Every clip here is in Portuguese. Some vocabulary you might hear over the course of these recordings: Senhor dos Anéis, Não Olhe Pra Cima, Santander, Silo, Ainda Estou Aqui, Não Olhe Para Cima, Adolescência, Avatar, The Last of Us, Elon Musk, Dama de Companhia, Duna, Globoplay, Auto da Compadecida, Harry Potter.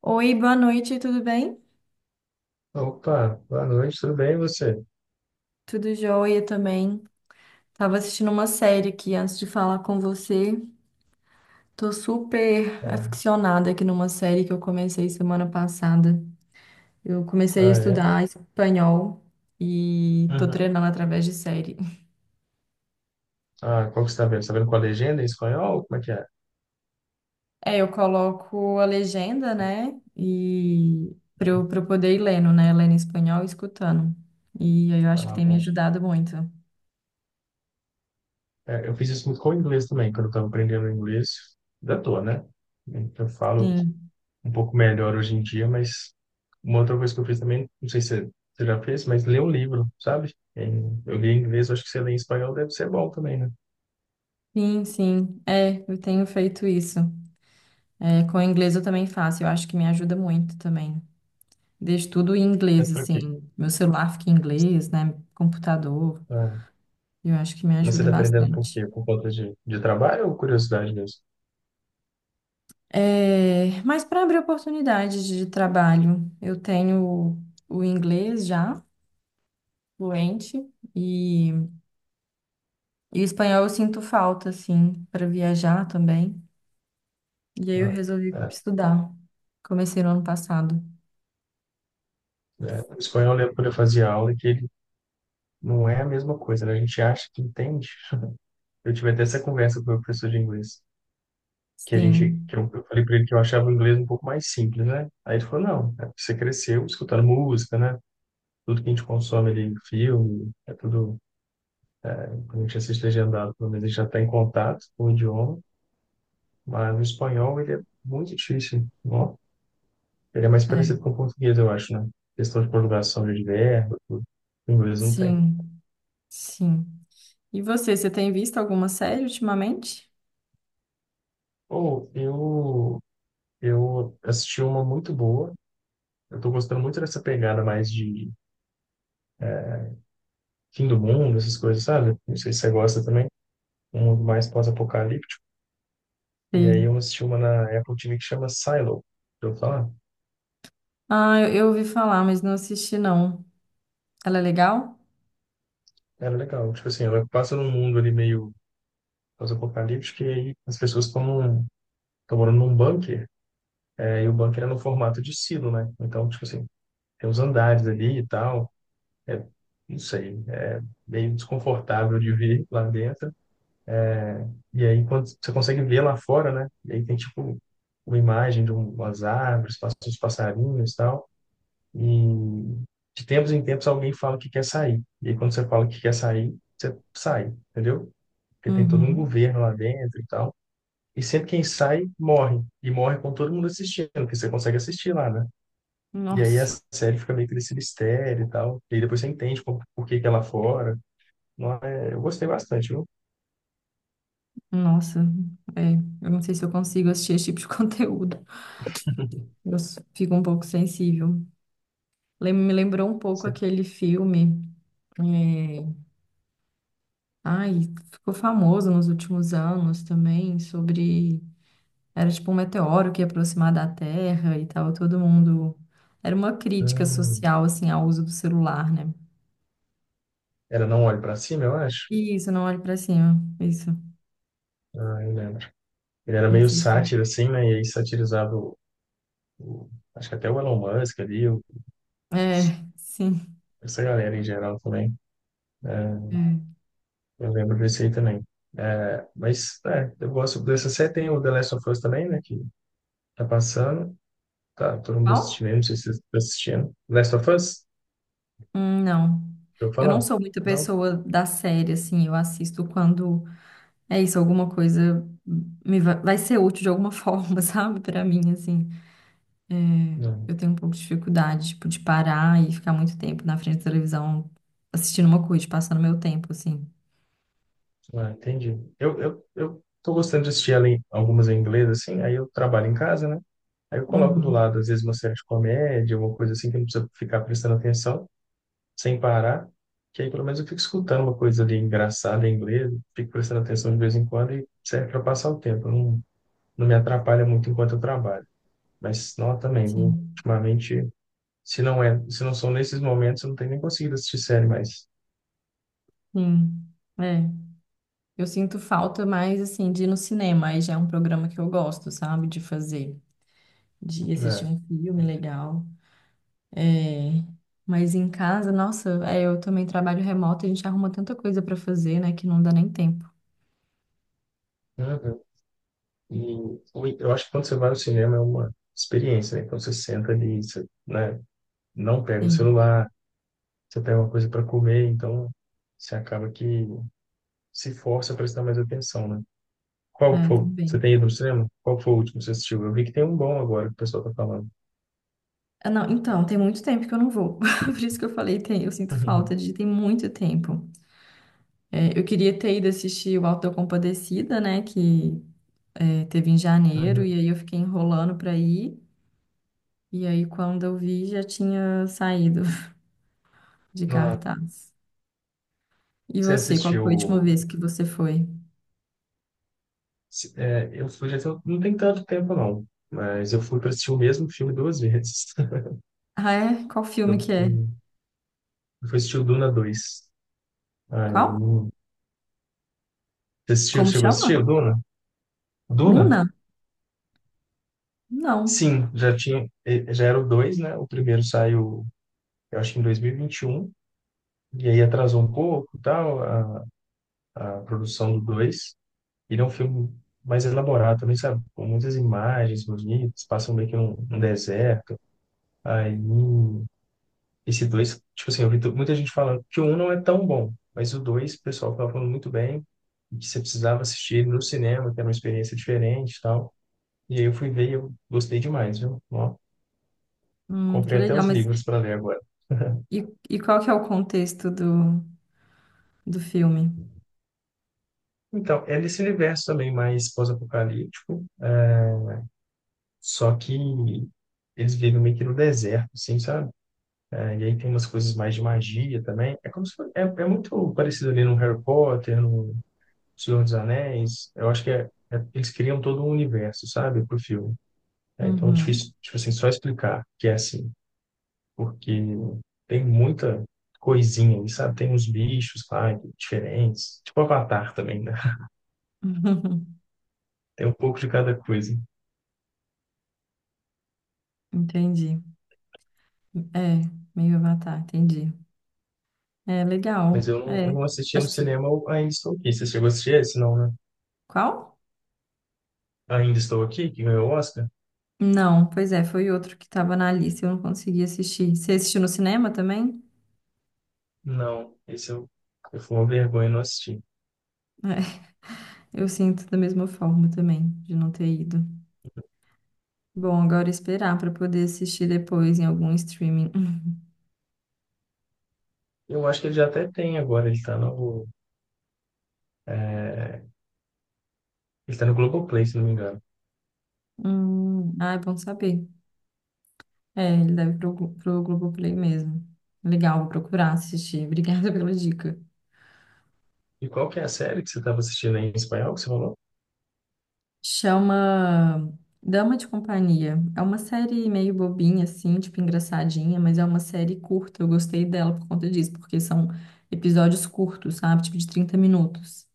Oi, boa noite, tudo bem? Opa, boa noite, tudo bem e você? Tudo jóia também. Tava assistindo uma série aqui antes de falar com você. Tô super aficionada aqui numa série que eu comecei semana passada. Eu comecei a Ah, é? estudar espanhol e tô Uhum. treinando através de série. Ah, qual que você está vendo? Você está vendo com a legenda em espanhol? Como é que é? É, eu coloco a legenda, né? E pra eu poder ir lendo, né? Lendo em espanhol e escutando. E aí eu acho que Ah, tem me bom. ajudado muito. É, eu fiz isso muito com o inglês também, quando eu estava aprendendo inglês. Ainda tô, né? Eu falo Sim, um pouco melhor hoje em dia, mas uma outra coisa que eu fiz também, não sei se você já fez, mas ler um livro, sabe? Eu li em inglês, eu acho que você lê em espanhol deve ser bom também, né? sim. É, eu tenho feito isso. É, com o inglês eu também faço, eu acho que me ajuda muito também. Deixo tudo em inglês, Mas pra quê? assim, meu celular fica em inglês, né? Computador, Ah, eu acho que me você ajuda está aprendendo por bastante. quê? Por conta de trabalho ou curiosidade mesmo? É, mas para abrir oportunidades de trabalho, eu tenho o inglês já, fluente, e, e o espanhol eu sinto falta, assim, para viajar também. E aí eu Ah, resolvi é. estudar. Comecei no ano passado. Né? O espanhol, eu lembro quando eu fazia aula, que ele não é a mesma coisa, né? A gente acha que entende. Eu tive até essa conversa com o meu professor de inglês, que a gente, Sim, que eu falei para ele que eu achava o inglês um pouco mais simples, né? Aí ele falou, não, é porque você cresceu escutando música, né? Tudo que a gente consome ali, filme, é tudo, quando a gente assiste legendado, pelo menos a gente já está em contato com o idioma, mas o espanhol, ele é muito difícil, ó. Ele é mais é, parecido com o português, eu acho, né? Questão de conjugação de verbo, tudo. O inglês não tem. sim, sim. E você, tem visto alguma série ultimamente? Ou eu assisti uma muito boa. Eu tô gostando muito dessa pegada mais de fim do mundo, essas coisas, sabe? Não sei se você gosta também. Um mundo mais pós-apocalíptico. E aí Sei. eu assisti uma na Apple TV que chama Silo. Eu falar, Ah, eu ouvi falar, mas não assisti, não. Ela é legal? era legal. Tipo assim, ela passa num mundo ali meio pós-apocalíptico e aí as pessoas estão morando num bunker. É, e o bunker é no formato de silo, né? Então, tipo assim, tem os andares ali e tal. É, não sei, é meio desconfortável de ver lá dentro. E aí, quando você consegue ver lá fora, né? E aí tem, tipo, uma imagem de umas árvores, passos de passarinhos e tal. E de tempos em tempos alguém fala que quer sair. E aí, quando você fala que quer sair, você sai, entendeu? Porque tem todo um Uhum. governo lá dentro e tal. E sempre quem sai, morre. E morre com todo mundo assistindo, porque você consegue assistir lá, né? E aí a Nossa, série fica meio que nesse mistério e tal. E aí depois você entende por que que é lá fora. Não é... Eu gostei bastante, viu? nossa. É, eu não sei se eu consigo assistir esse tipo de conteúdo. Eu fico um pouco sensível. Me lembrou um pouco Você- aquele filme. É, ai, ficou famoso nos últimos anos também. Sobre... Era tipo um meteoro que ia aproximar da Terra e tal, todo mundo... Era uma crítica Hum, social, assim, ao uso do celular, né? era Não Olhe Pra Cima, eu acho. Isso, não olhe pra cima. Isso. Ah, eu lembro. Ele era Não meio sei se. sátiro, assim, né? E aí satirizava o- acho que até o Elon Musk ali, o- É, sim. essa galera em geral também. É, É. eu lembro desse aí também. É, mas, é, eu gosto dessa série. Tem o The Last of Us também, né? Que tá passando. Tá, todo mundo Qual? assistindo, aí, não sei se vocês estão assistindo. Last of Us? Não. Deixa eu Eu falar? não sou muita Não? pessoa da série, assim. Eu assisto quando é isso, alguma coisa me vai ser útil de alguma forma, sabe? Pra mim, assim. É, Não. eu tenho um pouco de dificuldade, tipo, de parar e ficar muito tempo na frente da televisão assistindo uma coisa, passando meu tempo, assim. Ah, entendi. Eu tô gostando de assistir ela em, algumas em inglês, assim, aí eu trabalho em casa, né? Aí eu coloco do Uhum. lado, às vezes, uma série de comédia, uma coisa assim que eu não precisa ficar prestando atenção, sem parar, que aí pelo menos eu fico escutando uma coisa ali engraçada em inglês, fico prestando atenção de vez em quando e serve para passar o tempo. Não, não me atrapalha muito enquanto eu trabalho. Mas não também, viu? Sim. Ultimamente, se não é, se não são nesses momentos, eu não tenho nem conseguido assistir série mais. Sim. É. Eu sinto falta mais, assim, de ir no cinema. Aí já é um programa que eu gosto, sabe? De fazer, de assistir Né? um filme legal. É... Mas em casa, nossa, é, eu também trabalho remoto, a gente arruma tanta coisa para fazer, né, que não dá nem tempo. Uhum. E o- eu acho que quando você vai ao cinema é uma experiência, né? Então você senta ali, você, né, não pega o Sim, celular, você tem uma coisa para comer, então você acaba que se força a prestar mais atenção, né? Qual é, foi? Você também. tem ido no cinema? Qual foi o último que você assistiu? Eu vi que tem um bom agora que o pessoal tá falando. Ah, não, então, tem muito tempo que eu não vou. Por isso que eu falei, tem, eu sinto falta de tem muito tempo. É, eu queria ter ido assistir o Auto da Compadecida, né, que é, teve em Uhum. janeiro, Uhum. e aí eu fiquei enrolando para ir. E aí, quando eu vi, já tinha saído de Ah, cartaz. E você você, qual foi a última assistiu? vez que você foi? É, eu fui não tem tanto tempo não, mas eu fui para assistir o mesmo filme duas vezes. Ah, é? Qual filme que Eu é? fui, eu fui assistir o Duna dois. Aí, Qual? você assistiu? Como Chegou a chama? assistir o Duna? Duna? Luna? Não. Sim, já tinha, já era o 2, né? O primeiro saiu, eu acho que em 2021. E aí atrasou um pouco, tal, a produção do 2. Ele é um filme mais elaborado também, sabe? Com muitas imagens bonitas, passam meio que num um deserto. Aí, esse dois, tipo assim, muita gente falando que o um não é tão bom, mas o dois, o pessoal tava falando muito bem, e que você precisava assistir ele no cinema, que era uma experiência diferente e tal. E aí eu fui ver e eu gostei demais, viu? Ó, Que comprei até legal, os mas livros para ler agora. e, e qual que é o contexto do filme? Então, é nesse universo também mais pós-apocalíptico. Só que eles vivem meio que no deserto, assim, sabe? É, e aí tem umas coisas mais de magia também. É como se fosse, é, é muito parecido ali no Harry Potter, no Senhor dos Anéis. Eu acho que eles criam todo um universo, sabe, pro filme. É, então, é Uhum. difícil, tipo assim, só explicar que é assim, porque tem muita coisinha ali, sabe? Tem uns bichos lá diferentes, tipo Avatar também, né? Tem um pouco de cada coisa. Entendi. É, meio Avatar, entendi. É, Mas legal. Eu É. não assisti no Acho que... se- cinema, eu ainda estou aqui. Você chegou a assistir esse, não, né? Qual? Ainda Estou Aqui, que ganhou o Oscar? Não, pois é, foi outro que estava na lista, eu não consegui assistir. Você assistiu no cinema também? Não, eu fui uma vergonha não assistir. Eu sinto da mesma forma também, de não ter ido. Bom, agora esperar para poder assistir depois em algum streaming. Eu acho que ele já até tem agora, ele tá no, é, ele tá no Globoplay, se não me engano. Ah, é bom saber. É, ele deve pro, Glo- pro Globoplay mesmo. Legal, vou procurar assistir. Obrigada pela dica. E qual que é a série que você estava assistindo aí em espanhol, que você falou? Chama Dama de Companhia. É uma série meio bobinha, assim, tipo engraçadinha, mas é uma série curta. Eu gostei dela por conta disso, porque são episódios curtos, sabe? Tipo de 30 minutos.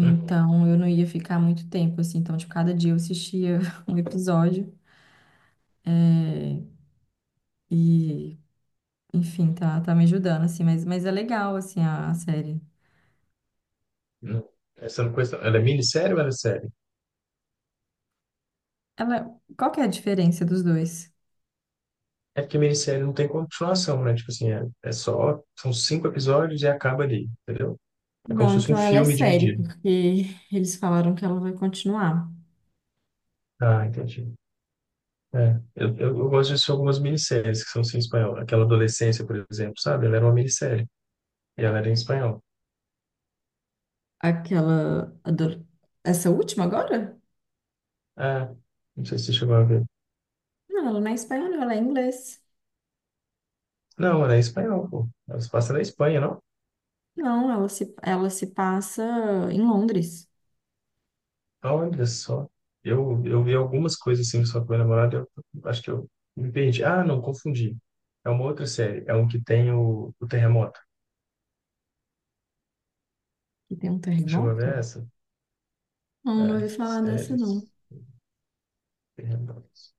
Hum, eu não ia ficar muito tempo, assim. Então, tipo, cada dia eu assistia um episódio. É, e, enfim, tá, tá me ajudando, assim. Mas é legal, assim, a série. Não. Essa eu não conheço, não. Ela é minissérie ou ela é série? Ela, qual que é a diferença dos dois? É porque minissérie não tem continuação, né? Tipo assim, são cinco episódios e acaba ali, entendeu? É como Não, se fosse um então ela é filme série, dividido. porque eles falaram que ela vai continuar. Ah, entendi. É, eu gosto de assistir algumas minisséries que são assim, em espanhol. Aquela Adolescência, por exemplo, sabe? Ela era uma minissérie. E ela era em espanhol. Aquela. Ado- Essa última agora? Ah, não sei se você chegou a ver. Não, ela não é espanhola, ela é inglês. Não, ela é em espanhol, pô. Ela se passa na Espanha, não? Não, ela se passa em Londres, Ah, olha só. Eu vi algumas coisas assim só com meu namorado, eu acho que eu me perdi. Ah, não, confundi. É uma outra série. É um que tem o terremoto. que tem um Chegou a ver terremoto. essa? Não, não É, ouvi falar dessa, não. séries, terremotos.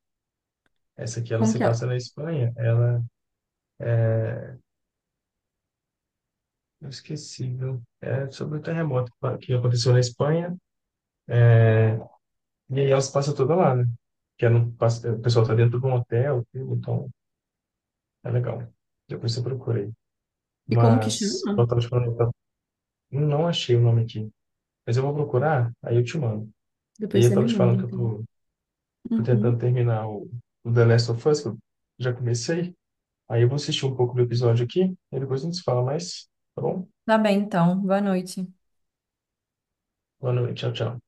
Essa aqui, ela Como se que passa é? na Espanha. Ela, é, inesquecível. É sobre o terremoto que aconteceu na Espanha. E aí elas passam toda lá, né? Que não passa, o pessoal tá dentro de um hotel, tudo, então é legal. Depois você procura aí. E como que Mas chama? eu tava te falando, eu tava- não achei o nome aqui. Mas eu vou procurar, aí eu te mando. E Depois aí eu você me tava te manda, falando que eu então. tô, tô tentando Uhum. terminar o The Last of Us, que eu já comecei. Aí eu vou assistir um pouco do episódio aqui, e depois a gente se fala mais, tá bom? Tá bem, então. Boa noite. Boa noite, tchau, tchau.